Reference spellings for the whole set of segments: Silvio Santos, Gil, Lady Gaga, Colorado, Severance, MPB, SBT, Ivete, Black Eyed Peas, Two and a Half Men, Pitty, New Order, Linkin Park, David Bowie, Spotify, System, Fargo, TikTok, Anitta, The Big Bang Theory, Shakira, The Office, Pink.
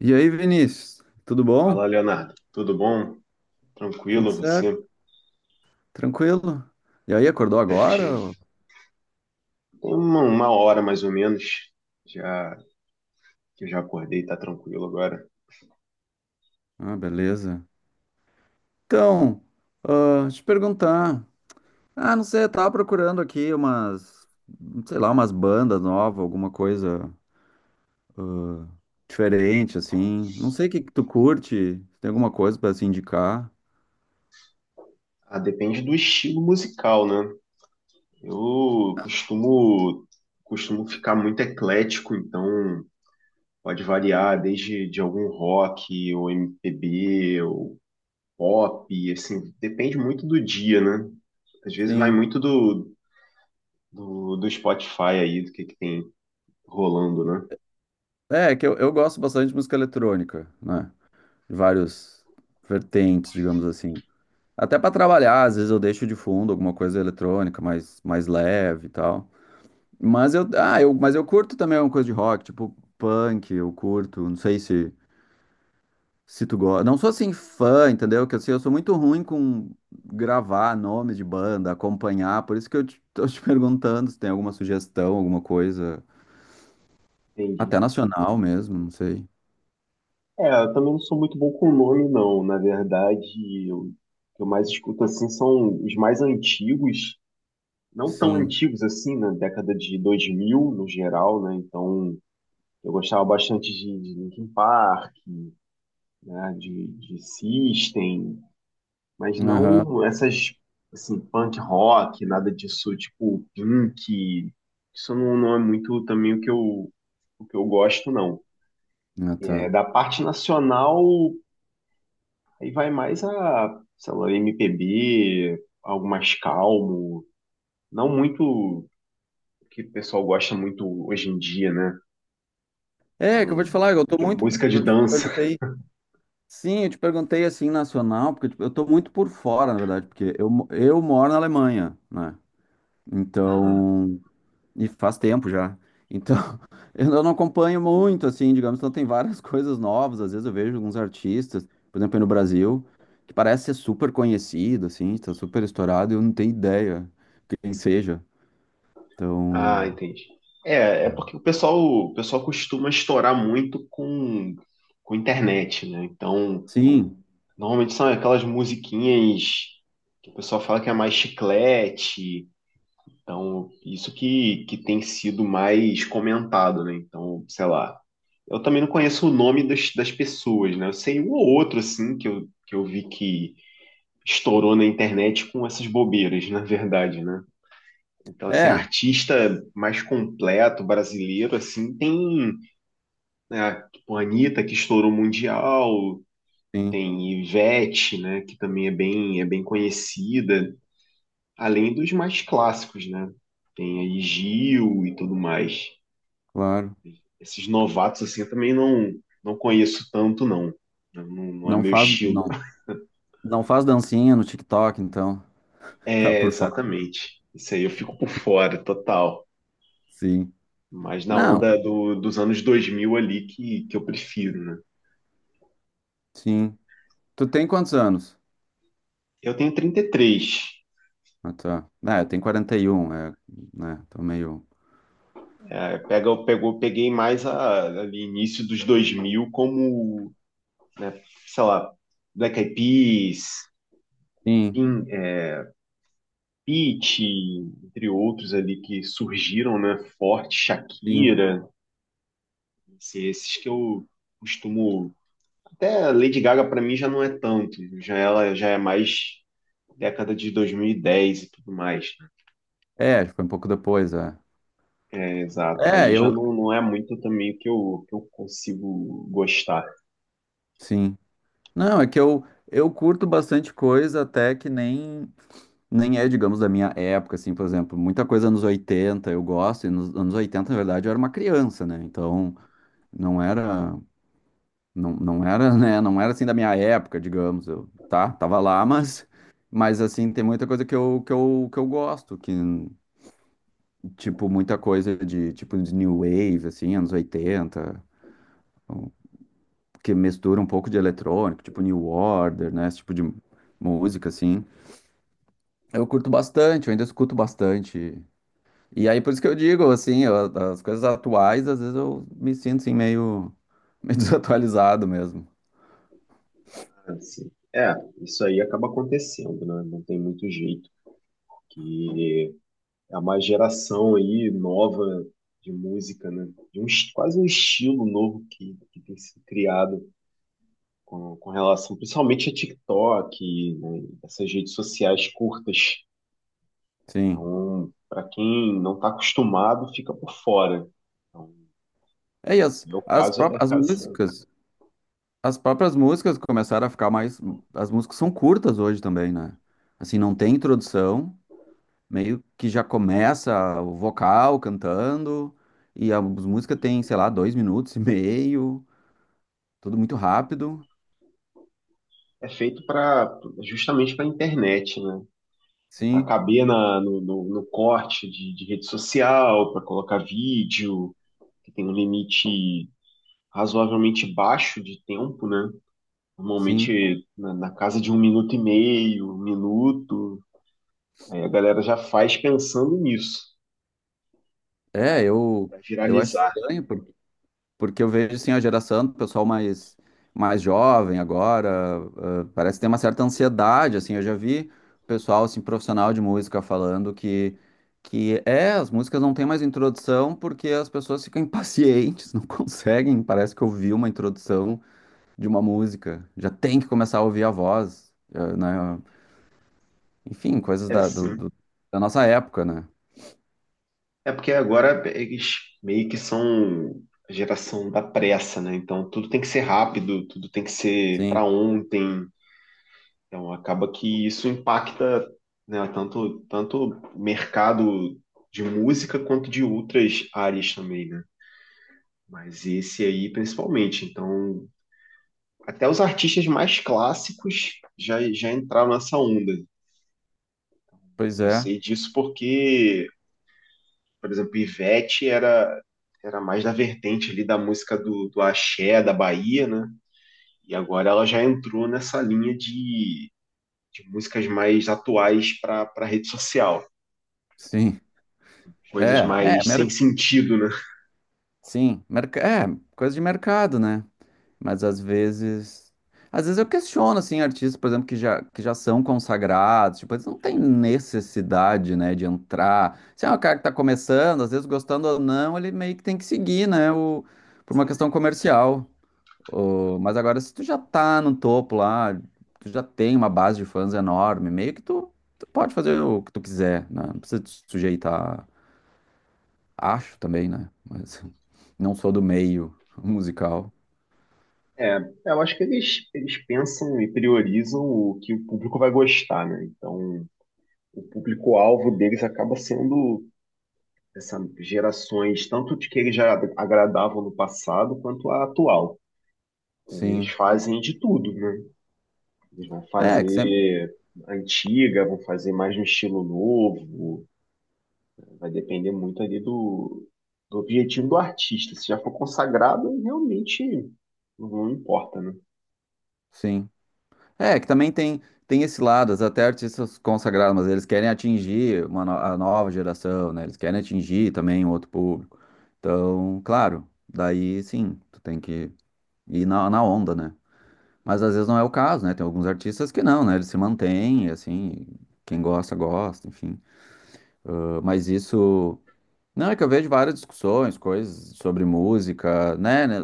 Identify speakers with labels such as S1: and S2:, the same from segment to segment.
S1: E aí, Vinícius, tudo bom?
S2: Fala, Leonardo. Tudo bom?
S1: Tudo
S2: Tranquilo, você?
S1: certo? Tranquilo? E aí, acordou agora?
S2: Certinho. Tem uma hora mais ou menos já que eu já acordei, tá tranquilo agora.
S1: Ah, beleza. Então, deixa eu te perguntar. Ah, não sei, eu tava procurando aqui umas, sei lá, umas bandas novas, alguma coisa diferente, assim. Não sei o que que tu curte, se tem alguma coisa pra se indicar.
S2: Ah, depende do estilo musical, né? Eu costumo ficar muito eclético, então pode variar desde de algum rock ou MPB ou pop, assim, depende muito do dia, né? Às vezes vai
S1: Sim.
S2: muito do Spotify aí, do que tem rolando, né?
S1: É, é que eu gosto bastante de música eletrônica, né? De vários vertentes, digamos assim. Até para trabalhar, às vezes eu deixo de fundo alguma coisa eletrônica mais, mais leve e tal. Mas eu curto também alguma coisa de rock, tipo punk, eu curto, não sei se tu gosta. Não sou assim fã, entendeu? Que assim, eu sou muito ruim com gravar nome de banda, acompanhar, por isso que tô te perguntando se tem alguma sugestão, alguma coisa, até
S2: Entendi.
S1: nacional mesmo, não sei.
S2: É, eu também não sou muito bom com nome, não. Na verdade, o que eu mais escuto assim são os mais antigos, não tão
S1: Sim.
S2: antigos assim, na década de 2000 no geral, né? Então, eu gostava bastante de Linkin Park, né? De System, mas
S1: Aham.
S2: não essas assim punk rock, nada disso, tipo Pink. Isso não, não é muito também o que eu gosto, não.
S1: Ah,
S2: É,
S1: tá.
S2: da parte nacional. Aí vai mais a, sei lá, MPB, algo mais calmo, não muito o que o pessoal gosta muito hoje em dia, né?
S1: É, que eu vou te falar, eu tô
S2: Que é
S1: muito.
S2: música de dança.
S1: Sim, eu te perguntei assim nacional, porque tipo, eu tô muito por fora, na verdade, porque eu moro na Alemanha, né?
S2: Aham.
S1: Então, e faz tempo já. Então, eu não acompanho muito, assim, digamos, então tem várias coisas novas. Às vezes eu vejo alguns artistas, por exemplo, aí no Brasil, que parece ser super conhecido, assim, está super estourado, e eu não tenho ideia quem seja.
S2: Ah,
S1: Então,
S2: entendi. É, é porque o pessoal costuma estourar muito com internet, né? Então,
S1: sim,
S2: normalmente são aquelas musiquinhas que o pessoal fala que é mais chiclete. Então, isso que tem sido mais comentado, né? Então, sei lá. Eu também não conheço o nome das pessoas, né? Eu sei um ou outro, assim, que eu vi que estourou na internet com essas bobeiras, na verdade, né? Então, assim,
S1: é,
S2: artista mais completo brasileiro, assim, tem, né, tipo, a Anitta, que estourou mundial,
S1: sim,
S2: tem Ivete, né, que também é bem conhecida, além dos mais clássicos, né? Tem aí Gil e tudo mais.
S1: claro.
S2: Esses novatos, assim, eu também não, não conheço tanto, não. Não, não é
S1: Não
S2: meu
S1: faz,
S2: estilo.
S1: não, não faz dancinha no TikTok, então, tá
S2: É,
S1: por fora.
S2: exatamente. Isso aí eu fico por fora, total.
S1: Sim.
S2: Mas na onda
S1: Não,
S2: dos anos 2000 ali que eu prefiro, né?
S1: sim. Tu tem quantos anos?
S2: Eu tenho 33.
S1: Ah, tá. Ah, eu tenho 41, é, né? Tô meio.
S2: É, peguei mais a, ali início dos 2000 como, né, sei lá, Black Eyed Peas,
S1: Sim,
S2: Pin- é, Pitty, entre outros ali que surgiram, né? Forte,
S1: sim.
S2: Shakira. Assim, esses que eu costumo. Até Lady Gaga para mim já não é tanto. Já ela já é mais década de 2010 e dez e tudo mais, né?
S1: É, foi um pouco depois, é.
S2: Exato.
S1: É,
S2: Aí já
S1: eu.
S2: não, não é muito também o que eu consigo gostar.
S1: Sim. Não, é que eu curto bastante coisa, até que nem é, digamos, da minha época, assim, por exemplo. Muita coisa nos 80 eu gosto, e nos anos 80, na verdade, eu era uma criança, né? Então, não era. Não, não era, né? Não era assim da minha época, digamos. Eu, tá, tava lá, mas assim, tem muita coisa que eu gosto, que, tipo, muita coisa de, tipo, de New Wave, assim, anos 80 que mistura um pouco de eletrônico, tipo New Order, né? Esse tipo de música, assim. Eu curto bastante, eu ainda escuto bastante. E aí, por isso que eu digo, assim, as coisas atuais, às vezes eu me sinto, assim, meio, meio desatualizado mesmo.
S2: Assim. É, isso aí acaba acontecendo, né? Não tem muito jeito. Porque é uma geração aí nova de música, né? De um, quase um estilo novo que tem sido criado com relação principalmente a TikTok, né, essas redes sociais curtas.
S1: Sim.
S2: Então, para quem não está acostumado, fica por fora. Então,
S1: É, e as,
S2: no meu
S1: as
S2: caso é,
S1: próprias as
S2: caso-
S1: músicas. As próprias músicas começaram a ficar mais. As músicas são curtas hoje também, né? Assim, não tem introdução, meio que já começa o vocal cantando, e as músicas têm, sei lá, dois minutos e meio, tudo muito rápido.
S2: é feito para justamente para a internet, né? Para
S1: Sim,
S2: caber na, no, no, no corte de rede social, para colocar vídeo, que tem um limite razoavelmente baixo de tempo, né?
S1: sim.
S2: Normalmente na casa de um minuto e meio, um minuto. Aí a galera já faz pensando nisso,
S1: É,
S2: para
S1: eu, eu acho
S2: viralizar.
S1: estranho. Porque eu vejo, assim, a geração do pessoal mais, mais jovem agora, ah, parece que tem uma certa ansiedade, assim, eu já vi pessoal, assim, profissional de música falando que é, as músicas não têm mais introdução porque as pessoas ficam impacientes, não conseguem, parece que ouvir uma introdução de uma música, já tem que começar a ouvir a voz, ah, né? Enfim, coisas
S2: É assim.
S1: da nossa época, né?
S2: É porque agora eles meio que são a geração da pressa, né? Então tudo tem que ser rápido, tudo tem que ser para
S1: Sim,
S2: ontem. Então acaba que isso impacta, né, tanto o mercado de música quanto de outras áreas também, né? Mas esse aí principalmente. Então até os artistas mais clássicos já já entraram nessa onda.
S1: pois
S2: Eu
S1: é,
S2: sei disso porque por exemplo, Ivete era mais da vertente ali da música do axé, da Bahia, né? E agora ela já entrou nessa linha de músicas mais atuais para para rede social.
S1: sim,
S2: Coisas
S1: é,
S2: mais sem sentido, né?
S1: sim, é, coisa de mercado, né? Mas às vezes. Às vezes eu questiono, assim, artistas, por exemplo, que já são consagrados, tipo, eles não têm necessidade, né, de entrar. Se é um cara que tá começando, às vezes gostando ou não, ele meio que tem que seguir, né, por uma questão comercial. Mas agora, se tu já tá no topo lá, tu já tem uma base de fãs enorme, meio que tu pode fazer o que tu quiser, né? Não precisa te sujeitar, acho também, né? Mas não sou do meio musical.
S2: É, eu acho que eles pensam e priorizam o que o público vai gostar, né? Então, o público-alvo deles acaba sendo essas gerações, tanto de que eles já agradavam no passado, quanto a atual. Então, eles
S1: Sim.
S2: fazem de tudo, né? Eles vão
S1: É, que sempre.
S2: fazer antiga, vão fazer mais no estilo novo. Vai depender muito ali do objetivo do artista. Se já for consagrado, realmente não importa, né?
S1: Sim. É, que também tem, tem esse lado, até artistas consagrados, mas eles querem atingir uma no- a nova geração, né? Eles querem atingir também um outro público. Então, claro, daí sim, tu tem que ir na onda, né? Mas às vezes não é o caso, né? Tem alguns artistas que não, né? Eles se mantêm, assim, quem gosta, gosta, enfim. Ah, mas isso. Não, é que eu vejo várias discussões, coisas sobre música, né,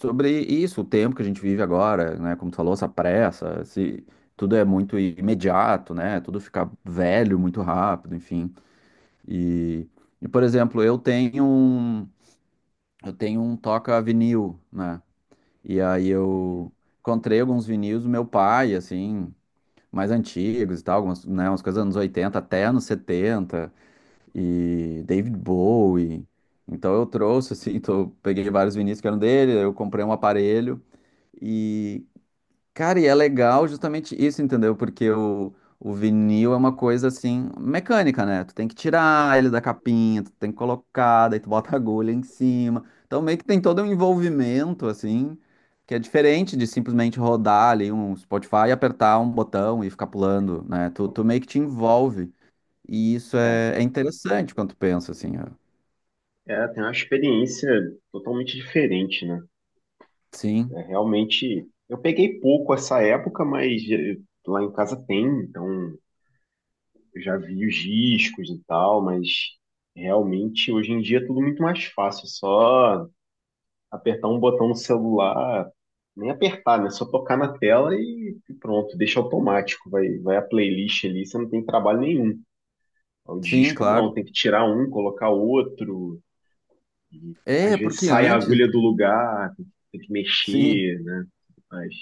S1: sobre isso, o tempo que a gente vive agora, né, como tu falou, essa pressa, se tudo é muito imediato, né, tudo fica velho muito rápido, enfim. E, e por exemplo, eu tenho um toca vinil, né, e aí eu encontrei alguns vinis do meu pai, assim, mais antigos e tal, algumas, né, umas coisas dos anos 80 até anos 70 e David Bowie. Então eu trouxe, assim, então eu peguei vários vinis que eram dele, eu comprei um aparelho e, cara, e é legal justamente isso, entendeu? Porque o vinil é uma coisa, assim, mecânica, né? Tu tem que tirar ele da capinha, tu tem que colocar, daí tu bota a agulha em cima. Então meio que tem todo um envolvimento, assim, que é diferente de simplesmente rodar ali um Spotify e apertar um botão e ficar pulando, né? Tu meio que te envolve. E isso
S2: É,
S1: é interessante quando tu pensa assim, ó.
S2: é, tem uma experiência totalmente diferente, né?
S1: Sim,
S2: É, realmente, eu peguei pouco essa época, mas eh, lá em casa tem, então eu já vi os discos e tal, mas realmente hoje em dia é tudo muito mais fácil, só apertar um botão no celular, nem apertar, né? Só tocar na tela e pronto, deixa automático. Vai, vai a playlist ali, você não tem trabalho nenhum. O
S1: sim,
S2: disco
S1: claro.
S2: não, tem que tirar um, colocar outro. E, às
S1: É,
S2: vezes
S1: porque
S2: sai a
S1: antes,
S2: agulha do lugar, tem que
S1: sim.
S2: mexer, né? Mas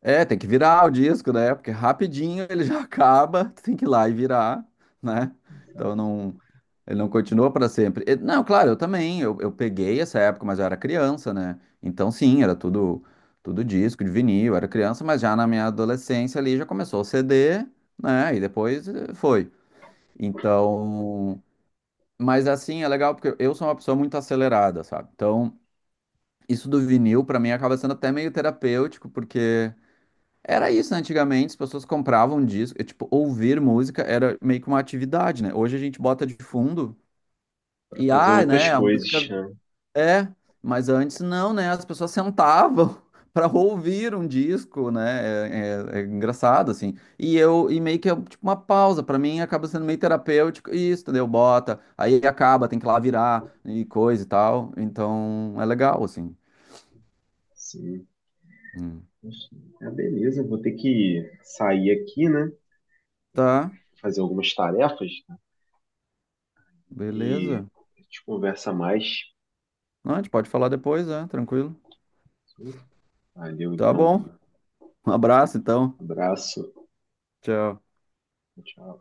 S1: É, tem que virar o disco, né? Porque rapidinho ele já acaba, tu tem que ir lá e virar, né? Então não, ele não continua para sempre. Não, claro, eu também, eu peguei essa época, mas eu era criança, né? Então sim, era tudo tudo disco de vinil, eu era criança, mas já na minha adolescência ali já começou o CD, né? E depois foi. Então, mas assim, é legal porque eu sou uma pessoa muito acelerada, sabe? Então, isso do vinil pra mim acaba sendo até meio terapêutico, porque era isso, né? Antigamente as pessoas compravam disco, e, tipo, ouvir música era meio que uma atividade, né? Hoje a gente bota de fundo
S2: para
S1: e
S2: fazer
S1: ah,
S2: outras
S1: né, a
S2: coisas,
S1: música
S2: né?
S1: é, mas antes não, né? As pessoas sentavam para ouvir um disco, né? É, é engraçado assim. E eu e meio que é tipo uma pausa para mim acaba sendo meio terapêutico e isso, entendeu? Bota, aí acaba, tem que ir lá virar e coisa e tal. Então é legal assim.
S2: Sim.
S1: Hum.
S2: Enfim. Ah, beleza, vou ter que sair aqui, né? Pra
S1: Tá,
S2: fazer algumas tarefas, né? E
S1: beleza.
S2: a gente conversa mais.
S1: Não, a gente pode falar depois, né? Tranquilo.
S2: Valeu,
S1: Tá
S2: então.
S1: bom. Um abraço então.
S2: Abraço.
S1: Tchau.
S2: Tchau.